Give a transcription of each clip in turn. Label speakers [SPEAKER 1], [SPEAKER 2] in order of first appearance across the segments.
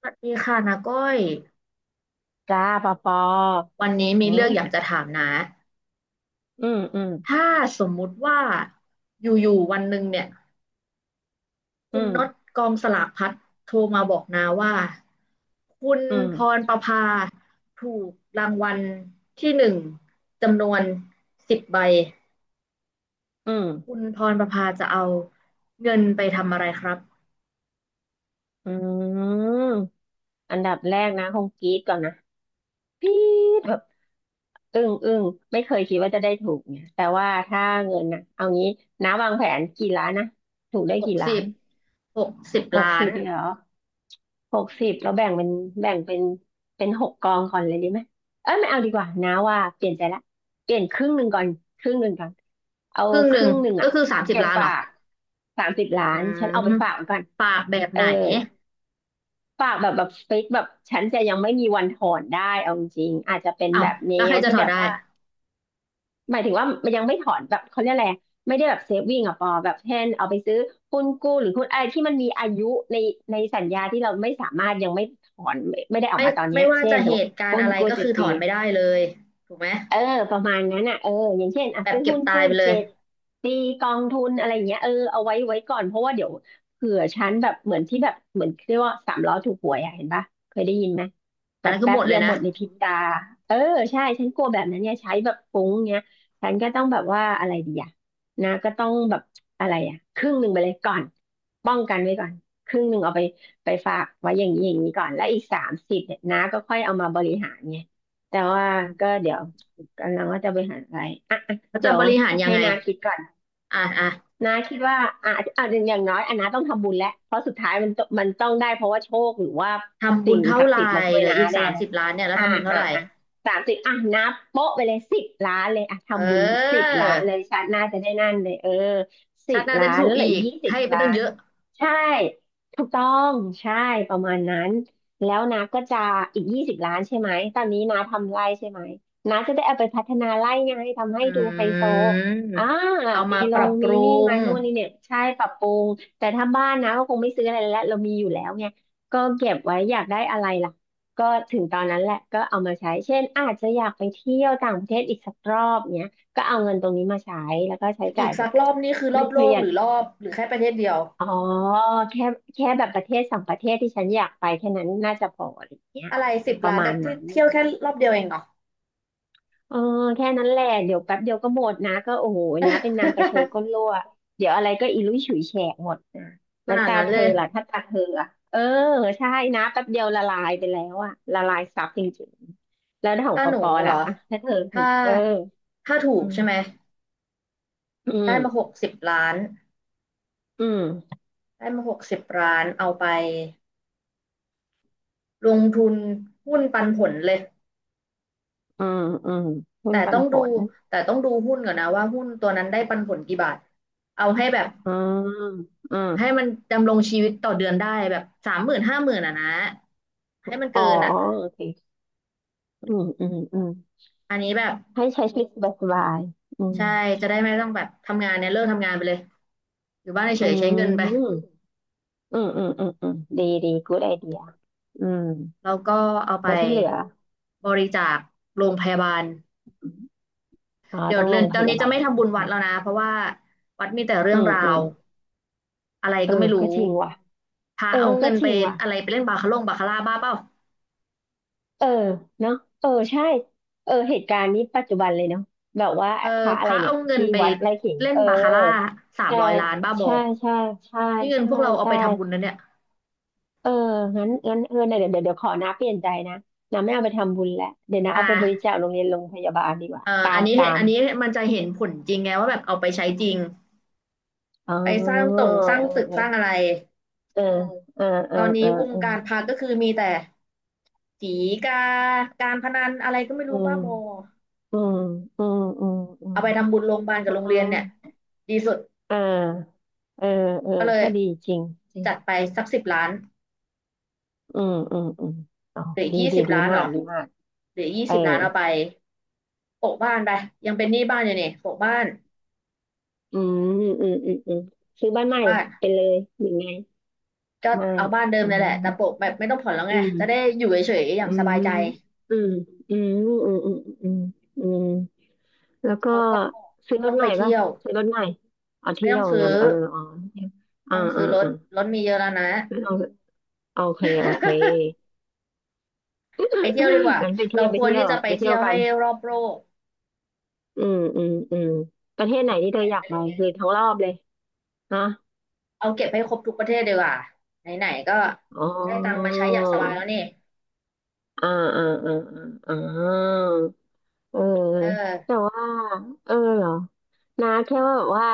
[SPEAKER 1] สวัสดีค่ะนาก้อย
[SPEAKER 2] จ้าปอปอ
[SPEAKER 1] วันนี้มีเรื่องอยากจะถามนะ
[SPEAKER 2] อืมอืม
[SPEAKER 1] ถ้าสมมุติว่าอยู่ๆวันหนึ่งเนี่ย
[SPEAKER 2] อื
[SPEAKER 1] คุณน็อต
[SPEAKER 2] ม
[SPEAKER 1] กองสลากพลัดโทรมาบอกนาว่าคุณ
[SPEAKER 2] อื
[SPEAKER 1] พร
[SPEAKER 2] ม
[SPEAKER 1] ประภาถูกรางวัลที่หนึ่งจำนวนสิบใบ
[SPEAKER 2] อื
[SPEAKER 1] คุ
[SPEAKER 2] ม
[SPEAKER 1] ณพรประภาจะเอาเงินไปทำอะไรครับ
[SPEAKER 2] อืมอืมอันดับแรกนะ คงกรี๊ดก่อนนะกรี๊ดแบบอึ้งอึ้งไม่เคยคิดว่าจะได้ถูกเนี่ยแต่ว่าถ้าเงินนะเอางี้น้าวางแผนกี่ล้านนะ ถูกได้
[SPEAKER 1] หก
[SPEAKER 2] กี่ล้า
[SPEAKER 1] สิ
[SPEAKER 2] น
[SPEAKER 1] บหกสิบ
[SPEAKER 2] หก
[SPEAKER 1] ล้า
[SPEAKER 2] สิ
[SPEAKER 1] น
[SPEAKER 2] บเหรอ หกสิบเราแบ่งเป็นหกกองก่อนเลยดีไหมเอ้ยไม่เอาดีกว่านะว่าเปลี่ยนใจละเปลี่ยนครึ่งหนึ่งก่อนครึ่งหนึ่งก่อนเอา
[SPEAKER 1] ครึ่ง
[SPEAKER 2] ค
[SPEAKER 1] หนึ่ง
[SPEAKER 2] รึ่งหนึ่ง
[SPEAKER 1] ก็
[SPEAKER 2] อ่ะ
[SPEAKER 1] คือสามสิบ
[SPEAKER 2] เก็บ
[SPEAKER 1] ล้านเหร
[SPEAKER 2] ฝา
[SPEAKER 1] อ
[SPEAKER 2] กสามสิบ
[SPEAKER 1] อื
[SPEAKER 2] ล้านฉันเอาไป
[SPEAKER 1] ม
[SPEAKER 2] ฝากไว้ก่อน
[SPEAKER 1] ฝากแบบ
[SPEAKER 2] เอ
[SPEAKER 1] ไหน
[SPEAKER 2] อฝากแบบฟิกแบบฉันจะยังไม่มีวันถอนได้เอาจริงๆอาจจะเป็น
[SPEAKER 1] อ้าว
[SPEAKER 2] แบบแน
[SPEAKER 1] แล้วใคร
[SPEAKER 2] ว
[SPEAKER 1] จะ
[SPEAKER 2] ที่
[SPEAKER 1] ถอ
[SPEAKER 2] แบ
[SPEAKER 1] ด
[SPEAKER 2] บ
[SPEAKER 1] ได้
[SPEAKER 2] ว่า หมายถึงว่ามันยังไม่ถอนแบบเขาเรียกอะไรไม่ได้แบบเซฟวิ่งอะปอแบบเช่นเอาไปซื้อหุ้นกู้หรือหุ้นอะไรที่มันมีอายุในในสัญญาที่เราไม่สามารถยังไม่ถอนไม่ได้ออก
[SPEAKER 1] ไม่
[SPEAKER 2] มาตอนเนี้
[SPEAKER 1] ไม่
[SPEAKER 2] ย
[SPEAKER 1] ว่า
[SPEAKER 2] เช่
[SPEAKER 1] จะ
[SPEAKER 2] นส
[SPEAKER 1] เห
[SPEAKER 2] มมติ
[SPEAKER 1] ตุการณ์
[SPEAKER 2] หุ้น
[SPEAKER 1] อะไร
[SPEAKER 2] กู้
[SPEAKER 1] ก็
[SPEAKER 2] เจ็
[SPEAKER 1] คื
[SPEAKER 2] ด
[SPEAKER 1] อถ
[SPEAKER 2] ปี
[SPEAKER 1] อนไม่ได้เลยถูกไหม
[SPEAKER 2] เออประมาณนั้นอ่ะเอออย่างเช่นอ่ะ
[SPEAKER 1] แบบ
[SPEAKER 2] ซื้อ
[SPEAKER 1] เก็บ
[SPEAKER 2] หุ้น
[SPEAKER 1] ตาย
[SPEAKER 2] กู้
[SPEAKER 1] ไปเลย
[SPEAKER 2] เจ็ดปีกองทุนอะไรอย่างเงี้ยเออเอาไว้ก่อนเพราะว่าเดี๋ยวเผื่อฉันแบบเหมือนที่แบบเหมือนเรียกว่าสามล้อถูกหวยอ่ะเห็นปะเคยได้ยินไหม
[SPEAKER 1] อั
[SPEAKER 2] แบ
[SPEAKER 1] น
[SPEAKER 2] บ
[SPEAKER 1] นั้นคือ
[SPEAKER 2] แป๊
[SPEAKER 1] ห
[SPEAKER 2] บ
[SPEAKER 1] มด
[SPEAKER 2] เดี
[SPEAKER 1] เล
[SPEAKER 2] ย
[SPEAKER 1] ย
[SPEAKER 2] วห
[SPEAKER 1] นะ
[SPEAKER 2] มดในพริบตาเออใช่ฉันกลัวแบบนั้นเนี่ยใช้แบบฟุ้งเงี้ยฉันก็ต้องแบบว่าอะไรดีอ่ะนะก็ต้องแบบอะไรอ่ะครึ่งหนึ่งไปเลยก่อนป้องกันไว้ก่อนครึ่งหนึ่งเอาไปฝากไว้อย่างนี้อย่างนี้ก่อนแล้วอีกสามสิบเนี่ยนะก็ค่อยเอามาบริหารไงแต่ว่า
[SPEAKER 1] อื
[SPEAKER 2] ก็
[SPEAKER 1] ม
[SPEAKER 2] เดี๋ยว กำลังว่าจะไปหาอะไรอ่ะอ่ะ
[SPEAKER 1] แล้ว
[SPEAKER 2] เดี๋
[SPEAKER 1] จะ
[SPEAKER 2] ย
[SPEAKER 1] บ
[SPEAKER 2] ว
[SPEAKER 1] ริหารยัง
[SPEAKER 2] ให้
[SPEAKER 1] ไง
[SPEAKER 2] นาคิดก่อน
[SPEAKER 1] อ่ะอ่ะ
[SPEAKER 2] นาคิดว่าอ่ะอ่ะอย่างน้อยอ่ะนาต้องทำบุญแล้ว เพราะสุดท้ายมันต้องได้เพราะว่าโชคหรือว่า
[SPEAKER 1] ทำบุ
[SPEAKER 2] สิ่
[SPEAKER 1] ญ
[SPEAKER 2] ง
[SPEAKER 1] เท่า
[SPEAKER 2] ศัก
[SPEAKER 1] ไห
[SPEAKER 2] ดิ์
[SPEAKER 1] ร่
[SPEAKER 2] สิทธิ์มาช่ว
[SPEAKER 1] เห
[SPEAKER 2] ย
[SPEAKER 1] ลือ
[SPEAKER 2] นา
[SPEAKER 1] อีก
[SPEAKER 2] แน่
[SPEAKER 1] สามสิบล้านเนี่ยแล้ว
[SPEAKER 2] อ่า
[SPEAKER 1] ทำบุญเท่า
[SPEAKER 2] อ่า
[SPEAKER 1] ไหร่
[SPEAKER 2] อ่าสามสิบอ่ะนับโป๊ะไปเลยสิบล้านเลยอ่ะ
[SPEAKER 1] เอ
[SPEAKER 2] ทำบุญสิบล้านเล
[SPEAKER 1] อ
[SPEAKER 2] ยชาติหน้าจะได้นั่นเลยเออสิ
[SPEAKER 1] ชา
[SPEAKER 2] บ
[SPEAKER 1] ติหน้าจะ
[SPEAKER 2] ล้า
[SPEAKER 1] ได้
[SPEAKER 2] น
[SPEAKER 1] ถู
[SPEAKER 2] แล้
[SPEAKER 1] ก
[SPEAKER 2] วเหลือ
[SPEAKER 1] อีก
[SPEAKER 2] ยี่สิบ
[SPEAKER 1] ให้ไป
[SPEAKER 2] ล้า
[SPEAKER 1] ตั้ง
[SPEAKER 2] น
[SPEAKER 1] เยอะ
[SPEAKER 2] ใช่ถูกต้องใช่ประมาณนั้นแล้วนะก็จะอีกยี่สิบล้านใช่ไหมตอนนี้นาทำไร่ใช่ไหมนาจะได้เอาไปพัฒนาไร่ไงทำให้
[SPEAKER 1] อ
[SPEAKER 2] ดูไฮ
[SPEAKER 1] ื
[SPEAKER 2] โซ
[SPEAKER 1] ม
[SPEAKER 2] อ่า
[SPEAKER 1] เอา
[SPEAKER 2] มี
[SPEAKER 1] มา
[SPEAKER 2] ล
[SPEAKER 1] ปรั
[SPEAKER 2] ง
[SPEAKER 1] บป
[SPEAKER 2] มี
[SPEAKER 1] รุ
[SPEAKER 2] นี่
[SPEAKER 1] ง
[SPEAKER 2] มานู่นนี่เนี่ยใช่ปรับปรุงแต่ถ้าบ้านนะก็คงไม่ซื้ออะไรแล้วเรามีอยู่แล้วไงก็เก็บไว้อยากได้อะไรล่ะ ก็ถึงตอนนั้นแหละก็เอามาใช้เช่นอาจจะอยากไปเที่ยวต่างประเทศอีกสักรอบเนี้ยก็เอาเงินตรงนี้มาใช้แล้วก็ใช้
[SPEAKER 1] อี
[SPEAKER 2] จ่า
[SPEAKER 1] ก
[SPEAKER 2] ยแบ
[SPEAKER 1] สั
[SPEAKER 2] บ
[SPEAKER 1] กรอบนี่คือรอ
[SPEAKER 2] ไม่
[SPEAKER 1] บ
[SPEAKER 2] เค
[SPEAKER 1] โล
[SPEAKER 2] รี
[SPEAKER 1] ก
[SPEAKER 2] ย
[SPEAKER 1] ห
[SPEAKER 2] ด
[SPEAKER 1] รือรอบหรือแค่ประเทศเดียว
[SPEAKER 2] อ๋อแค่แค่แบบประเทศสองประเทศที่ฉันอยากไปแค่นั้นน่าจะพออะไรอย่างเงี้ย
[SPEAKER 1] อะไรสิบ
[SPEAKER 2] ประ
[SPEAKER 1] ล้าน
[SPEAKER 2] มา
[SPEAKER 1] จะ
[SPEAKER 2] ณ
[SPEAKER 1] ที่
[SPEAKER 2] นั้น
[SPEAKER 1] เที่ยวแค่รอบเดียวเองเหรอ
[SPEAKER 2] เออแค่นั้นแหละเดี๋ยวแป๊บเดียวก็หมดนะก็โอ้โหนะเป็นนางกระเชอก้น รั่วเดี๋ยวอะไรก็อีลุยฉุยแฉกหมดนะ
[SPEAKER 1] ข
[SPEAKER 2] แล้ว
[SPEAKER 1] นาด
[SPEAKER 2] ตา
[SPEAKER 1] นั้น
[SPEAKER 2] เธ
[SPEAKER 1] เล
[SPEAKER 2] อ
[SPEAKER 1] ย
[SPEAKER 2] ล่ะถ้าตาเธออ่ะเออใช่นะแป๊บเดียวละลายไปแล้วอะละลายซับจริงๆแล้วของ
[SPEAKER 1] ถ้า
[SPEAKER 2] ป
[SPEAKER 1] ห
[SPEAKER 2] อ
[SPEAKER 1] นู
[SPEAKER 2] ปอ
[SPEAKER 1] เหรอ
[SPEAKER 2] ล่ะอ่ะถ้าเธอถู
[SPEAKER 1] ถ้า
[SPEAKER 2] กเออ
[SPEAKER 1] ถ้าถู
[SPEAKER 2] อื
[SPEAKER 1] กใช่ไหม
[SPEAKER 2] มอื
[SPEAKER 1] ได้มาหก
[SPEAKER 2] ม
[SPEAKER 1] สิบล้าน
[SPEAKER 2] อืม
[SPEAKER 1] ได้มาหกสิบล้านเอาไปลงทุนหุ้นปันผลเลย
[SPEAKER 2] อืมอืมหุ้
[SPEAKER 1] แต่
[SPEAKER 2] นปั
[SPEAKER 1] ต้อ
[SPEAKER 2] น
[SPEAKER 1] ง
[SPEAKER 2] ผ
[SPEAKER 1] ดู
[SPEAKER 2] ล
[SPEAKER 1] แต่ต้องดูหุ้นก่อนนะว่าหุ้นตัวนั้นได้ปันผลกี่บาทเอาให้แบบ
[SPEAKER 2] อืมอืม
[SPEAKER 1] ให้มันดำรงชีวิตต่อเดือนได้แบบ30,00050,000อ่ะนะให้มัน
[SPEAKER 2] อ๋อ
[SPEAKER 1] เกินอ่ะ
[SPEAKER 2] โอเคอืมอืมอืม
[SPEAKER 1] อันนี้แบบ
[SPEAKER 2] ให้ใช้ชีวิตสบายๆอืม
[SPEAKER 1] ใช่จะได้ไม่ต้องแบบทำงานเนี่ยเลิกทำงานไปเลยอยู่บ้าน
[SPEAKER 2] อื
[SPEAKER 1] เฉยๆใช้เงินไป
[SPEAKER 2] ม อืมอืมอืมอืมดีดีกูดไอเดียอืม
[SPEAKER 1] แล้วก็เอาไป
[SPEAKER 2] แล้วที่เหลือ
[SPEAKER 1] บริจาคโรงพยาบาล
[SPEAKER 2] อ๋อ
[SPEAKER 1] เดี๋ยว
[SPEAKER 2] ต้อง
[SPEAKER 1] เรื
[SPEAKER 2] ล
[SPEAKER 1] อน
[SPEAKER 2] งพ
[SPEAKER 1] ตอนนี้
[SPEAKER 2] ยา
[SPEAKER 1] จะ
[SPEAKER 2] บา
[SPEAKER 1] ไม่
[SPEAKER 2] ล
[SPEAKER 1] ทำบุญวัดแล้วนะเพราะว่าวัดมีแต่เรื่
[SPEAKER 2] อื
[SPEAKER 1] อง
[SPEAKER 2] ม
[SPEAKER 1] รา
[SPEAKER 2] อื
[SPEAKER 1] ว
[SPEAKER 2] ม
[SPEAKER 1] อะไร
[SPEAKER 2] เออ
[SPEAKER 1] ก็ไม่รู้
[SPEAKER 2] ก็จริงว่ะ
[SPEAKER 1] พระ
[SPEAKER 2] เออ
[SPEAKER 1] เอา
[SPEAKER 2] ก็
[SPEAKER 1] เงิน
[SPEAKER 2] จ
[SPEAKER 1] ไป
[SPEAKER 2] ริงว่ะ
[SPEAKER 1] อะไรไปเล่นบาคาร่าบ้าเปล่า
[SPEAKER 2] เออเนาะเออใช่เออเหตุการณ์นี้ปัจจุบันเลยเนาะแบบว่า
[SPEAKER 1] เออ
[SPEAKER 2] พระ
[SPEAKER 1] พ
[SPEAKER 2] อะไร
[SPEAKER 1] ระ
[SPEAKER 2] เนี่
[SPEAKER 1] เอา
[SPEAKER 2] ย
[SPEAKER 1] เงิน
[SPEAKER 2] ที่
[SPEAKER 1] ไป
[SPEAKER 2] วัดไร่ขิง
[SPEAKER 1] เล่น
[SPEAKER 2] เออ
[SPEAKER 1] บาคาร่าสาม
[SPEAKER 2] ใช่
[SPEAKER 1] ร้อยล้านบ้าบอ
[SPEAKER 2] ใช่ใช่ใช่
[SPEAKER 1] นี่เงิน
[SPEAKER 2] ใช่
[SPEAKER 1] พวกเราเอา
[SPEAKER 2] ใช่
[SPEAKER 1] ไปทำบุญนะเนี่ย
[SPEAKER 2] เอองั้นงั้นเออเดี๋ยวเดี๋ยวเดี๋ยวขอนะเปลี่ยนใจนะนะไม่เอาไปทำบุญแล้วเดี๋ยวนะ
[SPEAKER 1] อ่า
[SPEAKER 2] เอาไปบริจาคโรงเรียนโรงพยาบาลดีกว่าตา
[SPEAKER 1] อัน
[SPEAKER 2] ม
[SPEAKER 1] นี้
[SPEAKER 2] ตาม
[SPEAKER 1] อันนี้มันจะเห็นผลจริงไงว่าแบบเอาไปใช้จริง
[SPEAKER 2] อ๋อ
[SPEAKER 1] ไปสร้าง
[SPEAKER 2] เอ
[SPEAKER 1] ต
[SPEAKER 2] อ
[SPEAKER 1] รงสร้างตึกสร้าง
[SPEAKER 2] เออ
[SPEAKER 1] อะไร
[SPEAKER 2] เออเออเอ
[SPEAKER 1] ต
[SPEAKER 2] อ
[SPEAKER 1] อน
[SPEAKER 2] เอ
[SPEAKER 1] นี้
[SPEAKER 2] อ
[SPEAKER 1] วง
[SPEAKER 2] เออ
[SPEAKER 1] การพระก็คือมีแต่สีกาการพนันอะไรก็ไม่
[SPEAKER 2] อื
[SPEAKER 1] รู้
[SPEAKER 2] ม
[SPEAKER 1] บ้าบอ
[SPEAKER 2] อืมอืมอืมอืม
[SPEAKER 1] เอาไปทำบุญโรงพยาบาลกับโรง
[SPEAKER 2] อื
[SPEAKER 1] เรียนเนี่ย
[SPEAKER 2] ม
[SPEAKER 1] ดีสุด
[SPEAKER 2] อ่าเออเออ
[SPEAKER 1] ก็เลย
[SPEAKER 2] ก็ดีจริงจริง
[SPEAKER 1] จัดไปสักสิบล้าน
[SPEAKER 2] อืมอืมอืมอ๋อ
[SPEAKER 1] หรือ
[SPEAKER 2] ดี
[SPEAKER 1] ยี่
[SPEAKER 2] ดี
[SPEAKER 1] สิบ
[SPEAKER 2] ดี
[SPEAKER 1] ล้านเหร
[SPEAKER 2] มาก
[SPEAKER 1] อ
[SPEAKER 2] ดีมาก
[SPEAKER 1] หรือยี่
[SPEAKER 2] เออ
[SPEAKER 1] สิบล้านเอาไปโปะบ้านไปยังเป็นหนี้บ้านอยู่นี่โปะบ้าน
[SPEAKER 2] อืมอืมอืมอืมซื้อบ้าน
[SPEAKER 1] โปะ
[SPEAKER 2] ใหม่
[SPEAKER 1] บ้าน
[SPEAKER 2] ไปเลยหรือไง
[SPEAKER 1] ก็
[SPEAKER 2] ไม่
[SPEAKER 1] เอาบ้านเดิม
[SPEAKER 2] อื
[SPEAKER 1] นั่นแหละแต่
[SPEAKER 2] ม
[SPEAKER 1] โปะแบบไม่ต้องผ่อนแล้ว
[SPEAKER 2] อื
[SPEAKER 1] ไงจะได้
[SPEAKER 2] ม
[SPEAKER 1] อยู่เฉยๆอย่า
[SPEAKER 2] อื
[SPEAKER 1] งสบา
[SPEAKER 2] ม
[SPEAKER 1] ยใจ
[SPEAKER 2] อืมอืมอืมอืมอืมอืมแล้วก็
[SPEAKER 1] เราก็
[SPEAKER 2] ซื้อร
[SPEAKER 1] ต้อ
[SPEAKER 2] ถ
[SPEAKER 1] ง
[SPEAKER 2] ให
[SPEAKER 1] ไป
[SPEAKER 2] ม่ป่ะ
[SPEAKER 1] เที่ยว
[SPEAKER 2] ซื้อรถใหม่เอา
[SPEAKER 1] ไม่
[SPEAKER 2] เที่
[SPEAKER 1] ต้
[SPEAKER 2] ย
[SPEAKER 1] อง
[SPEAKER 2] ว
[SPEAKER 1] ซื้อ
[SPEAKER 2] งั้นเอออ๋อเที่ยว
[SPEAKER 1] ไม่
[SPEAKER 2] อ่า
[SPEAKER 1] ต้องซื้
[SPEAKER 2] อ่า
[SPEAKER 1] อรถ
[SPEAKER 2] อ่
[SPEAKER 1] รถมีเยอะแล้วนะ
[SPEAKER 2] า โอเคโอเค
[SPEAKER 1] ไปเที่ยวดีกว่า
[SPEAKER 2] งั้นไปเที่
[SPEAKER 1] เรา
[SPEAKER 2] ยวไป
[SPEAKER 1] ควร
[SPEAKER 2] เที่ย
[SPEAKER 1] ที่
[SPEAKER 2] ว
[SPEAKER 1] จะไป
[SPEAKER 2] ไปเที่
[SPEAKER 1] เที่
[SPEAKER 2] ยว
[SPEAKER 1] ยว
[SPEAKER 2] กั
[SPEAKER 1] ให้
[SPEAKER 2] น
[SPEAKER 1] รอบโลก
[SPEAKER 2] อืมอืมอืมประเทศไหนที่เธ
[SPEAKER 1] แผ
[SPEAKER 2] อ
[SPEAKER 1] น
[SPEAKER 2] อยา
[SPEAKER 1] ไป
[SPEAKER 2] ก
[SPEAKER 1] เล
[SPEAKER 2] ไป
[SPEAKER 1] ย
[SPEAKER 2] คือทั้งรอบเลยฮะ
[SPEAKER 1] เอาเก็บให้ครบทุกประเทศดีกว่าไหนๆก็
[SPEAKER 2] อ๋
[SPEAKER 1] ได้ตังค์มา
[SPEAKER 2] อ
[SPEAKER 1] ใช้อย่างสบายแล้วนี่
[SPEAKER 2] อ่าอ่าอ่าอ่าอ่าเออ
[SPEAKER 1] เอ
[SPEAKER 2] แต่
[SPEAKER 1] อ
[SPEAKER 2] ว่าเออเหรอนะแค่ว่าแบบว่า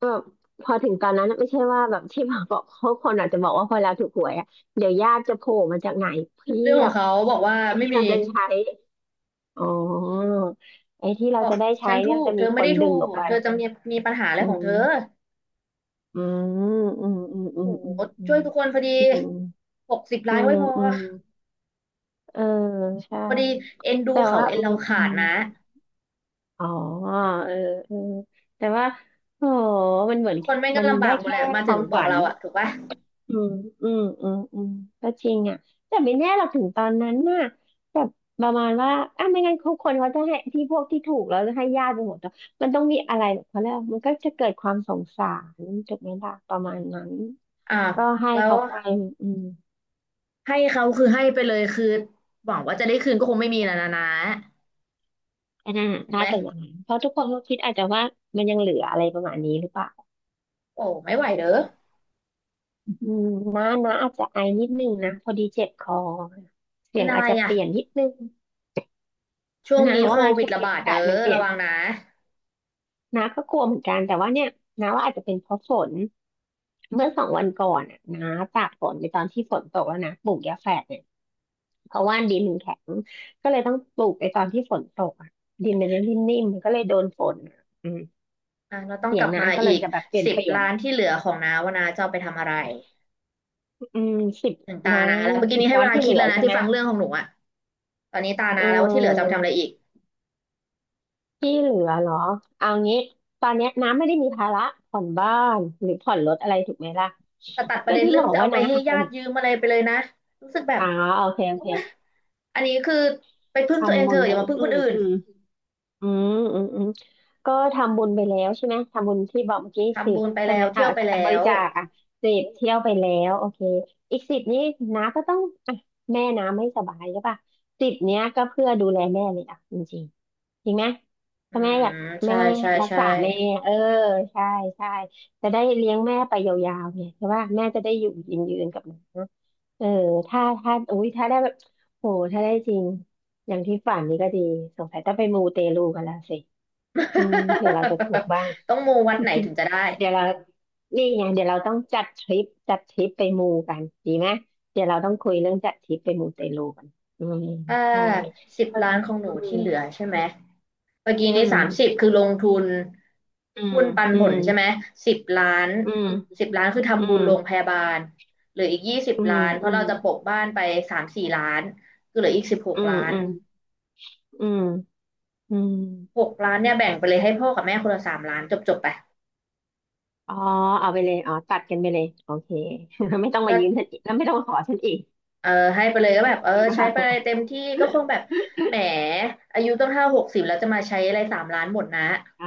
[SPEAKER 2] แบบพอถึงตอนนั้นน่ะไม่ใช่ว่าแบบที่มาบอกเขาคนอาจจะบอกว่าพอเราถูกหวยอ่ะเดี๋ยวญาติจะโผล่มาจากไหนเพี
[SPEAKER 1] เรื่อง
[SPEAKER 2] ย
[SPEAKER 1] ของ
[SPEAKER 2] บ
[SPEAKER 1] เขาบอกว่า
[SPEAKER 2] ไอ้
[SPEAKER 1] ไม่
[SPEAKER 2] ที่
[SPEAKER 1] มี
[SPEAKER 2] เราจะใช้อ๋อไอ้ที่
[SPEAKER 1] บ
[SPEAKER 2] เรา
[SPEAKER 1] อก
[SPEAKER 2] จะได้
[SPEAKER 1] ฉั
[SPEAKER 2] ใช้
[SPEAKER 1] นถู
[SPEAKER 2] เนี่ยมัน
[SPEAKER 1] ก
[SPEAKER 2] จะ
[SPEAKER 1] เธ
[SPEAKER 2] มี
[SPEAKER 1] อ
[SPEAKER 2] ค
[SPEAKER 1] ไม่
[SPEAKER 2] น
[SPEAKER 1] ได้ถู
[SPEAKER 2] ดึงอ
[SPEAKER 1] ก
[SPEAKER 2] อกไป
[SPEAKER 1] เธอจะมีมีปัญหาอะไร
[SPEAKER 2] อื
[SPEAKER 1] ของเธอ
[SPEAKER 2] มอืมอืมอืมอืม
[SPEAKER 1] โอ้โห
[SPEAKER 2] อืม
[SPEAKER 1] ช่วยทุกคนพอดี
[SPEAKER 2] อืม
[SPEAKER 1] หกสิบ
[SPEAKER 2] อื
[SPEAKER 1] ล้านไว้
[SPEAKER 2] ม
[SPEAKER 1] พอ
[SPEAKER 2] อืมอืมเออใช่
[SPEAKER 1] พอดีเอ็นดู
[SPEAKER 2] แต่
[SPEAKER 1] เขา
[SPEAKER 2] ว่า
[SPEAKER 1] เอ็น
[SPEAKER 2] อื
[SPEAKER 1] เรา
[SPEAKER 2] มอื
[SPEAKER 1] ขาด
[SPEAKER 2] ม
[SPEAKER 1] นะ
[SPEAKER 2] อ๋อเออเออแต่ว่าโอ้มันเหมือน
[SPEAKER 1] ทุกคนแม่งก็
[SPEAKER 2] มัน
[SPEAKER 1] ลำ
[SPEAKER 2] ได้
[SPEAKER 1] บากหมด
[SPEAKER 2] แค่
[SPEAKER 1] แหละ มา
[SPEAKER 2] ค
[SPEAKER 1] ถึ
[SPEAKER 2] วา
[SPEAKER 1] ง
[SPEAKER 2] ม
[SPEAKER 1] บอ
[SPEAKER 2] ฝั
[SPEAKER 1] ก
[SPEAKER 2] น
[SPEAKER 1] เราอะถูกปะ
[SPEAKER 2] อืมอืมอืมอืมก็จริงอ่ะแต่ไม่แน่เราถึงตอนนั้นน่ะแบบประมาณว่าอ่ะไม่งั้นทุกคนเขาจะให้ที่พวกที่ถูกแล้วจะให้ญาติไปหมดแล้วมันต้องมีอะไรแบบเขาเรียกว่ามันก็จะเกิดความสงสารถูกไหมล่ะประมาณนั้น
[SPEAKER 1] อ่า
[SPEAKER 2] ก็ให้
[SPEAKER 1] แล้ว
[SPEAKER 2] เขาไปอืม
[SPEAKER 1] ให้เขาคือให้ไปเลยคือหวังว่าจะได้คืนก็คงไม่มีแล้วนะนะ
[SPEAKER 2] อันนั้นน่ะ
[SPEAKER 1] ถูกไห
[SPEAKER 2] น่า
[SPEAKER 1] ม
[SPEAKER 2] จะอย่างนั้นเพราะทุกคนก็คิดอาจจะว่ามันยังเหลืออะไรประมาณนี้หรือเปล่า
[SPEAKER 1] โอ้ไม่ไหวเด้อ
[SPEAKER 2] อืมน้านะอาจจะไอนิดนึงนะพอดีเจ็บคอเสี
[SPEAKER 1] เป็
[SPEAKER 2] ย
[SPEAKER 1] น
[SPEAKER 2] ง
[SPEAKER 1] อะ
[SPEAKER 2] อา
[SPEAKER 1] ไร
[SPEAKER 2] จจะเป
[SPEAKER 1] อะ
[SPEAKER 2] ลี่ยนนิดนึง
[SPEAKER 1] ช่วง
[SPEAKER 2] นะ
[SPEAKER 1] นี้โค
[SPEAKER 2] ว่า
[SPEAKER 1] วิ
[SPEAKER 2] ช่
[SPEAKER 1] ด
[SPEAKER 2] วง
[SPEAKER 1] ระ
[SPEAKER 2] นี้
[SPEAKER 1] บาด
[SPEAKER 2] อา
[SPEAKER 1] เด้
[SPEAKER 2] กา
[SPEAKER 1] อ
[SPEAKER 2] ศมันเปลี่ย
[SPEAKER 1] ระ
[SPEAKER 2] น
[SPEAKER 1] วังนะ
[SPEAKER 2] น้าก็กลัวเหมือนกันแต่ว่าเนี่ยน้าว่าอาจจะเป็นเพราะฝนเมื่อ2 วันก่อนอ่ะน้าตากฝนในตอนที่ฝนตกแล้วนะปลูกยาแฝดเนี่ยเพราะว่าดินมันแข็งก็เลยต้องปลูกในตอนที่ฝนตกอ่ะดินมันจะนิ่มๆมันก็เลยโดนฝนอะอืม
[SPEAKER 1] อ่ะเราต้อง
[SPEAKER 2] เสี
[SPEAKER 1] ก
[SPEAKER 2] ยง
[SPEAKER 1] ลับ
[SPEAKER 2] น้า
[SPEAKER 1] มา
[SPEAKER 2] ก็
[SPEAKER 1] อี
[SPEAKER 2] เลย
[SPEAKER 1] ก
[SPEAKER 2] จะแบบเปลี่ยน
[SPEAKER 1] สิบ
[SPEAKER 2] เปลี่ยน
[SPEAKER 1] ล้านที่เหลือของน้าว่าน้าจะเอาไปทำอะไร
[SPEAKER 2] อืมสิบ
[SPEAKER 1] ถึงตา
[SPEAKER 2] น้า
[SPEAKER 1] นาแล้วเมื่อกี้
[SPEAKER 2] สิบ
[SPEAKER 1] นี้ให้
[SPEAKER 2] ล้า
[SPEAKER 1] เว
[SPEAKER 2] น
[SPEAKER 1] ลา
[SPEAKER 2] ที่เห
[SPEAKER 1] คิ
[SPEAKER 2] ลื
[SPEAKER 1] ด
[SPEAKER 2] อ
[SPEAKER 1] แล้วนะ
[SPEAKER 2] ใช่
[SPEAKER 1] ที่
[SPEAKER 2] ไหม
[SPEAKER 1] ฟังเรื่องของหนูอ่ะตอนนี้ตา
[SPEAKER 2] เ
[SPEAKER 1] นาแล้วว่าที่เหลือจะเอาไป
[SPEAKER 2] ออ
[SPEAKER 1] ทำอะไรอีก
[SPEAKER 2] ที่เหลือเหรอเอางี้ตอนเนี้ยน้าไม่ได้มีภาระผ่อนบ้านหรือผ่อนรถอะไรถูกไหมล่ะ
[SPEAKER 1] แต่ตัดประ
[SPEAKER 2] ก็
[SPEAKER 1] เด็น
[SPEAKER 2] ที่
[SPEAKER 1] เรื่
[SPEAKER 2] บ
[SPEAKER 1] อง
[SPEAKER 2] อก
[SPEAKER 1] จะ
[SPEAKER 2] ว่า
[SPEAKER 1] เอาไป
[SPEAKER 2] น้า
[SPEAKER 1] ให้ญา
[SPEAKER 2] อ่ะ
[SPEAKER 1] ติยืมอะไรไปเลยนะรู้สึกแบบ
[SPEAKER 2] อ่าโอเคโอ
[SPEAKER 1] โอ๊ย
[SPEAKER 2] เค
[SPEAKER 1] อันนี้คือไปพึ่งตัวเอง
[SPEAKER 2] ทำบุ
[SPEAKER 1] เถ
[SPEAKER 2] ญ
[SPEAKER 1] อะอ
[SPEAKER 2] ไป
[SPEAKER 1] ย่ามาพึ่
[SPEAKER 2] อื
[SPEAKER 1] งคน
[SPEAKER 2] ม
[SPEAKER 1] อื่น
[SPEAKER 2] อืมอืมอืมอืมก็ทำบุญไปแล้วใช่ไหมทำบุญที่บอกเมื่อกี้สิ
[SPEAKER 1] ทำ
[SPEAKER 2] บ
[SPEAKER 1] บุญไป
[SPEAKER 2] ใช่ไห
[SPEAKER 1] แล้
[SPEAKER 2] ม
[SPEAKER 1] ว
[SPEAKER 2] อ่า
[SPEAKER 1] เที่ยวไป
[SPEAKER 2] บ
[SPEAKER 1] แล้
[SPEAKER 2] ริ
[SPEAKER 1] ว
[SPEAKER 2] จาคอ่ะสิบเที่ยวไปแล้วโอเคอีกสิบนี้น้าก็ต้องอ่ะแม่น้าไม่สบายใช่ป่ะสิบเนี้ยก็เพื่อดูแลแม่เลยอ่ะจริงๆจริงไหม
[SPEAKER 1] อื
[SPEAKER 2] ถ้าแม่อยาก
[SPEAKER 1] ม
[SPEAKER 2] แม่
[SPEAKER 1] ใช่ใช่
[SPEAKER 2] รัก
[SPEAKER 1] ใช่
[SPEAKER 2] ษาแม่เออใช่ใช่จะได้เลี้ยงแม่ไปยาวๆเนี่ยใช่ป่ะแม่จะได้อยู่ยืนๆกับน้าเออถ้าถ้าอุ้ยถ้าได้แบบโหถ้าได้จริง อย่างที่ฝันนี่ก็ดีสงสัยต้องไปมูเตลูกันแล้วสิอืมเผื่อเราจะถูกบ้าง
[SPEAKER 1] ต้องมูวัดไหนถึงจะได้
[SPEAKER 2] เดี๋ยวเรานี่ไงเดี๋ยวเราต้องจัดทริปจัดทริปไปมูกันดีไหมเดี๋ยวเราต้องคุยเรื่องจัดทริปไปมูเตลูกันอืม
[SPEAKER 1] ถ้า
[SPEAKER 2] ใช่
[SPEAKER 1] สิบ
[SPEAKER 2] เออ
[SPEAKER 1] ล้านของหนูที่เหลือใช่ไหม เมื่อกี้
[SPEAKER 2] อื
[SPEAKER 1] นี้30
[SPEAKER 2] ม
[SPEAKER 1] คือลงทุน
[SPEAKER 2] อืม
[SPEAKER 1] หุ้นปัน
[SPEAKER 2] อื
[SPEAKER 1] ผ
[SPEAKER 2] ม
[SPEAKER 1] ลใช่ไหมสิบล้าน
[SPEAKER 2] อืม
[SPEAKER 1] สิบล้านคือ
[SPEAKER 2] อื
[SPEAKER 1] ทำบุ
[SPEAKER 2] ม
[SPEAKER 1] ญโรงพยาบาลเหลืออีกยี่สิบ
[SPEAKER 2] อืม
[SPEAKER 1] ล้านเพ
[SPEAKER 2] อื
[SPEAKER 1] ราะ
[SPEAKER 2] ม
[SPEAKER 1] เราจะปะบ้านไป3-4 ล้านคือเหลืออีกสิบหก
[SPEAKER 2] อื
[SPEAKER 1] ล้าน
[SPEAKER 2] มอืมอืมอืมอื
[SPEAKER 1] ห
[SPEAKER 2] ม
[SPEAKER 1] กล้านเนี่ยแบ่งไปเลยให้พ่อกับแม่คนละสามล้านจบจบไป
[SPEAKER 2] อ๋อเอาไปเลยอ๋อตัดกันไปเลยโอเค ไม่ต้องมา
[SPEAKER 1] ก็
[SPEAKER 2] ยืมฉันอีกแล้วไม่ต้องมาขอฉันอีก
[SPEAKER 1] เออให้ไปเลยก็แบบเออ
[SPEAKER 2] หรือเป
[SPEAKER 1] ใช้ไปเลย
[SPEAKER 2] ล่า
[SPEAKER 1] เต็มที่ก็คงแบบแหมอายุต้องเท่าหกสิบแล้วจะมาใช้อะไรสามล้านหมดนะ
[SPEAKER 2] อ๋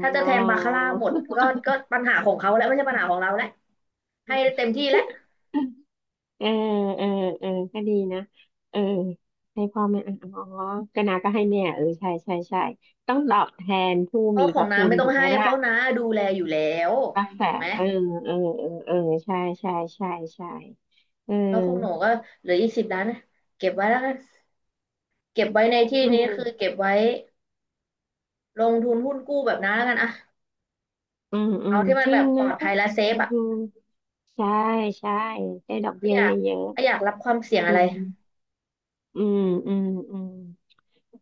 [SPEAKER 1] ถ้าจะแทงบาคาร่าหมดก็ก็ปัญหาของเขาแล้วไม่ใช่ปัญหาของเราแล้วให้เต็มที่แล้ว
[SPEAKER 2] เออเออเออก็ดีนะเออให้พ่อแม่อ่ะอ๋อก็นาก็ให้แม่เออใช่ใช่ใช่ต้องตอบแทนผู้
[SPEAKER 1] เพ
[SPEAKER 2] มี
[SPEAKER 1] ราะข
[SPEAKER 2] พ
[SPEAKER 1] อง
[SPEAKER 2] ระ
[SPEAKER 1] น้า
[SPEAKER 2] คุณ
[SPEAKER 1] ไม่ต้อ
[SPEAKER 2] ถู
[SPEAKER 1] ง
[SPEAKER 2] กไหม
[SPEAKER 1] ให้
[SPEAKER 2] ล่ะ
[SPEAKER 1] เพราะน้าดูแลอยู่แล้ว
[SPEAKER 2] รักษา
[SPEAKER 1] ถูกไหม
[SPEAKER 2] เออเออเออเออใช่ใช่ใช่ใช่เออ
[SPEAKER 1] แล้วของหนูก็เหลืออีกสิบล้านนะเก็บไว้แล้วกันเก็บไว้ในที่
[SPEAKER 2] อื
[SPEAKER 1] นี้
[SPEAKER 2] ม
[SPEAKER 1] คือเก็บไว้ลงทุนหุ้นกู้แบบน้าแล้วกันอะ
[SPEAKER 2] อืมอื
[SPEAKER 1] เอา
[SPEAKER 2] ม
[SPEAKER 1] ที่มั
[SPEAKER 2] จ
[SPEAKER 1] น
[SPEAKER 2] ริ
[SPEAKER 1] แบบ
[SPEAKER 2] ง
[SPEAKER 1] ปล
[SPEAKER 2] นะ
[SPEAKER 1] อดภัยและเซ
[SPEAKER 2] อื
[SPEAKER 1] ฟอะ
[SPEAKER 2] มใช่ใช่ได้ดอก
[SPEAKER 1] ไม่
[SPEAKER 2] เบี้ย
[SPEAKER 1] อยา
[SPEAKER 2] เ
[SPEAKER 1] ก
[SPEAKER 2] ยอะ
[SPEAKER 1] ไม่อยากรับความเสี่ยง
[SPEAKER 2] ๆอื
[SPEAKER 1] อะไร
[SPEAKER 2] มอืมอืมอืม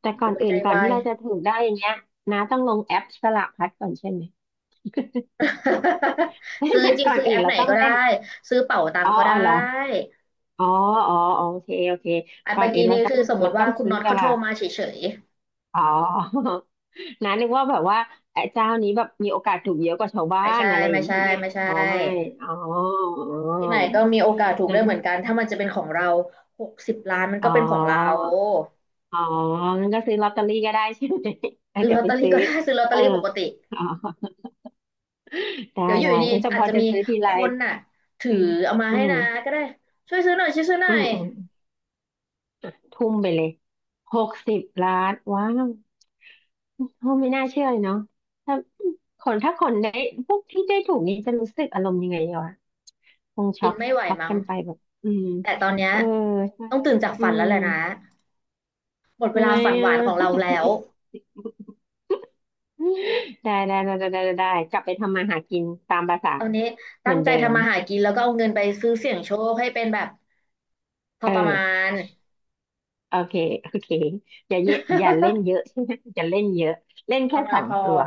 [SPEAKER 2] แต่ก่อ
[SPEAKER 1] เดี๋ยว
[SPEAKER 2] น
[SPEAKER 1] หัว
[SPEAKER 2] อื่
[SPEAKER 1] ใจ
[SPEAKER 2] นก่อน
[SPEAKER 1] วา
[SPEAKER 2] ที่
[SPEAKER 1] ย
[SPEAKER 2] เราจะถูกได้อย่างเงี้ยนะต้องลงแอปสลากพลัดก่อนใช่ไหม
[SPEAKER 1] ซื้อจ ริง
[SPEAKER 2] ก่
[SPEAKER 1] ๆ
[SPEAKER 2] อน
[SPEAKER 1] ซื้อแอ
[SPEAKER 2] อื่น
[SPEAKER 1] ป
[SPEAKER 2] เรา
[SPEAKER 1] ไหน
[SPEAKER 2] ต้อง
[SPEAKER 1] ก็
[SPEAKER 2] เล่น
[SPEAKER 1] ได้ซื้อเป๋าตัง
[SPEAKER 2] อ๋อ
[SPEAKER 1] ก็ได
[SPEAKER 2] อ๋อเหรอ
[SPEAKER 1] ้
[SPEAKER 2] อ๋ออ๋ออ๋อโอเคโอเค
[SPEAKER 1] อ่ะ
[SPEAKER 2] ก่อ
[SPEAKER 1] เมื่
[SPEAKER 2] น
[SPEAKER 1] อ
[SPEAKER 2] อื่
[SPEAKER 1] กี้
[SPEAKER 2] นเรา
[SPEAKER 1] นี้
[SPEAKER 2] ต้อง
[SPEAKER 1] คือสมมติว่าคุณ
[SPEAKER 2] ซื้อ
[SPEAKER 1] น็อต
[SPEAKER 2] ส
[SPEAKER 1] เขาโท
[SPEAKER 2] ลา
[SPEAKER 1] ร
[SPEAKER 2] ก
[SPEAKER 1] มาเฉย
[SPEAKER 2] อ๋อ นะนึกว่าแบบว่าไอ้เจ้านี้แบบมีโอกาสถูกเยอะกว่าชาว
[SPEAKER 1] ๆ
[SPEAKER 2] บ้า
[SPEAKER 1] ไม่
[SPEAKER 2] น
[SPEAKER 1] ใช่
[SPEAKER 2] อะไรอ
[SPEAKER 1] ไม่
[SPEAKER 2] ย่าง
[SPEAKER 1] ใช่
[SPEAKER 2] เงี้ย
[SPEAKER 1] ไม่ใช่
[SPEAKER 2] อ๋อไม่อ๋ออ๋อ
[SPEAKER 1] ที่ไหนก็มีโอกาสถูก
[SPEAKER 2] นั่
[SPEAKER 1] ได้เหมือนกันถ้ามันจะเป็นของเราหกสิบล้านมัน
[SPEAKER 2] อ๋อ
[SPEAKER 1] ก็เป็นของเรา
[SPEAKER 2] อ๋องั้นก็ซื้อลอตเตอรี่ก็ได้ใช่ไหม
[SPEAKER 1] ซื้อ
[SPEAKER 2] เดี๋
[SPEAKER 1] ล
[SPEAKER 2] ย
[SPEAKER 1] อ
[SPEAKER 2] ว
[SPEAKER 1] ต
[SPEAKER 2] ไป
[SPEAKER 1] เตอรี่
[SPEAKER 2] ซื้อ
[SPEAKER 1] ก็ได้ ซื้อลอตเต
[SPEAKER 2] เอ
[SPEAKER 1] อ
[SPEAKER 2] อ
[SPEAKER 1] รี่ปกติ
[SPEAKER 2] อ๋อได้
[SPEAKER 1] เดี๋ยวอยู่
[SPEAKER 2] ได้
[SPEAKER 1] ดี
[SPEAKER 2] เออแต่
[SPEAKER 1] ๆอา
[SPEAKER 2] พ
[SPEAKER 1] จ
[SPEAKER 2] อ
[SPEAKER 1] จะ
[SPEAKER 2] จะ
[SPEAKER 1] มี
[SPEAKER 2] ซื้อที
[SPEAKER 1] ค
[SPEAKER 2] ไร
[SPEAKER 1] นน่ะถือ
[SPEAKER 2] อืม
[SPEAKER 1] เอามา
[SPEAKER 2] อื
[SPEAKER 1] ให้
[SPEAKER 2] ม
[SPEAKER 1] นะก็ได้ช่วยซื้อหน่อยช่วยซื้อหน่
[SPEAKER 2] อื
[SPEAKER 1] อย
[SPEAKER 2] มอืมทุ่มไปเลย60 ล้านว้าวโอ้ไม่น่าเชื่อเลยเนาะถ้าคนถ้าคนได้พวกที่ได้ถูกนี้จะรู้สึกอารมณ์ยังไงวะคง
[SPEAKER 1] ปิ
[SPEAKER 2] ช็อ
[SPEAKER 1] น
[SPEAKER 2] ก
[SPEAKER 1] ไม่ไหว
[SPEAKER 2] ช็อก
[SPEAKER 1] มั้ง
[SPEAKER 2] กันไปแบบอืม
[SPEAKER 1] แต่ตอนเนี้ย
[SPEAKER 2] เออใช่
[SPEAKER 1] ต้องตื่นจาก
[SPEAKER 2] อื
[SPEAKER 1] ฝันแล้
[SPEAKER 2] ม
[SPEAKER 1] วแหละนะหมดเวลา
[SPEAKER 2] ไม่
[SPEAKER 1] ฝันห
[SPEAKER 2] อะ
[SPEAKER 1] วานของเราแล้ว
[SPEAKER 2] ได้ได้ได้ได้ได้ได้กลับไปทำมาหากินตามภาษา
[SPEAKER 1] ตอนนี้
[SPEAKER 2] เหมื
[SPEAKER 1] ตั้ง
[SPEAKER 2] อน
[SPEAKER 1] ใจ
[SPEAKER 2] เดิม
[SPEAKER 1] ทำมาหากินแล้วก็เอาเงินไปซื้อเสี่ยงโชคให้เป็นแบบพอ
[SPEAKER 2] เอ
[SPEAKER 1] ประมา
[SPEAKER 2] อ
[SPEAKER 1] ณ
[SPEAKER 2] โอเคโอเคอย่าเยอะอย่าเล่นเยอะ ใช่ไหมอย่าเล่นเยอะเล่ น
[SPEAKER 1] พอป
[SPEAKER 2] แค่
[SPEAKER 1] ระ
[SPEAKER 2] ส
[SPEAKER 1] มาณ
[SPEAKER 2] อง
[SPEAKER 1] พอ
[SPEAKER 2] ตัว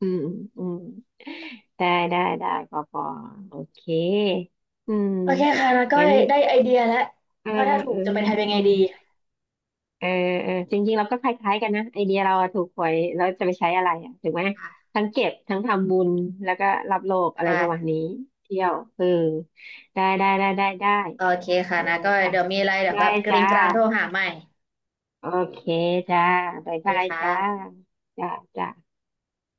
[SPEAKER 2] อืมอืมได้ได้ได้ปอปอโอเคอืม
[SPEAKER 1] โอเคค่ะนะก็
[SPEAKER 2] งั้น
[SPEAKER 1] ได้ไอเดียแล้ว
[SPEAKER 2] เออ
[SPEAKER 1] ว่าถ้าถู
[SPEAKER 2] เอ
[SPEAKER 1] ก
[SPEAKER 2] อ
[SPEAKER 1] จะไปทำยังไง
[SPEAKER 2] อืม
[SPEAKER 1] ดี
[SPEAKER 2] เออเออจริงๆเราก็คล้ายๆกันนะไอเดียเราอะถูกหวยเราจะไปใช้อะไรอ่ะถูกไหมทั้งเก็บทั้งทำบุญแล้วก็รับโลก
[SPEAKER 1] ค
[SPEAKER 2] อะไรประมาณ
[SPEAKER 1] ่ะ
[SPEAKER 2] นี้เที่ยวเออได้ได้ได้ได้ได้
[SPEAKER 1] โอเคค่ะ
[SPEAKER 2] เออ
[SPEAKER 1] นะก็
[SPEAKER 2] จ้ะ
[SPEAKER 1] เดี๋ยวมีอะไรเดี๋ยว
[SPEAKER 2] ได้
[SPEAKER 1] แบบกริ
[SPEAKER 2] จ้า
[SPEAKER 1] งกรางโทรหาใหม่
[SPEAKER 2] โอเคจ้าบาย
[SPEAKER 1] โอเค
[SPEAKER 2] บาย
[SPEAKER 1] ค
[SPEAKER 2] จ้า
[SPEAKER 1] ่ะ
[SPEAKER 2] จ้าจ้า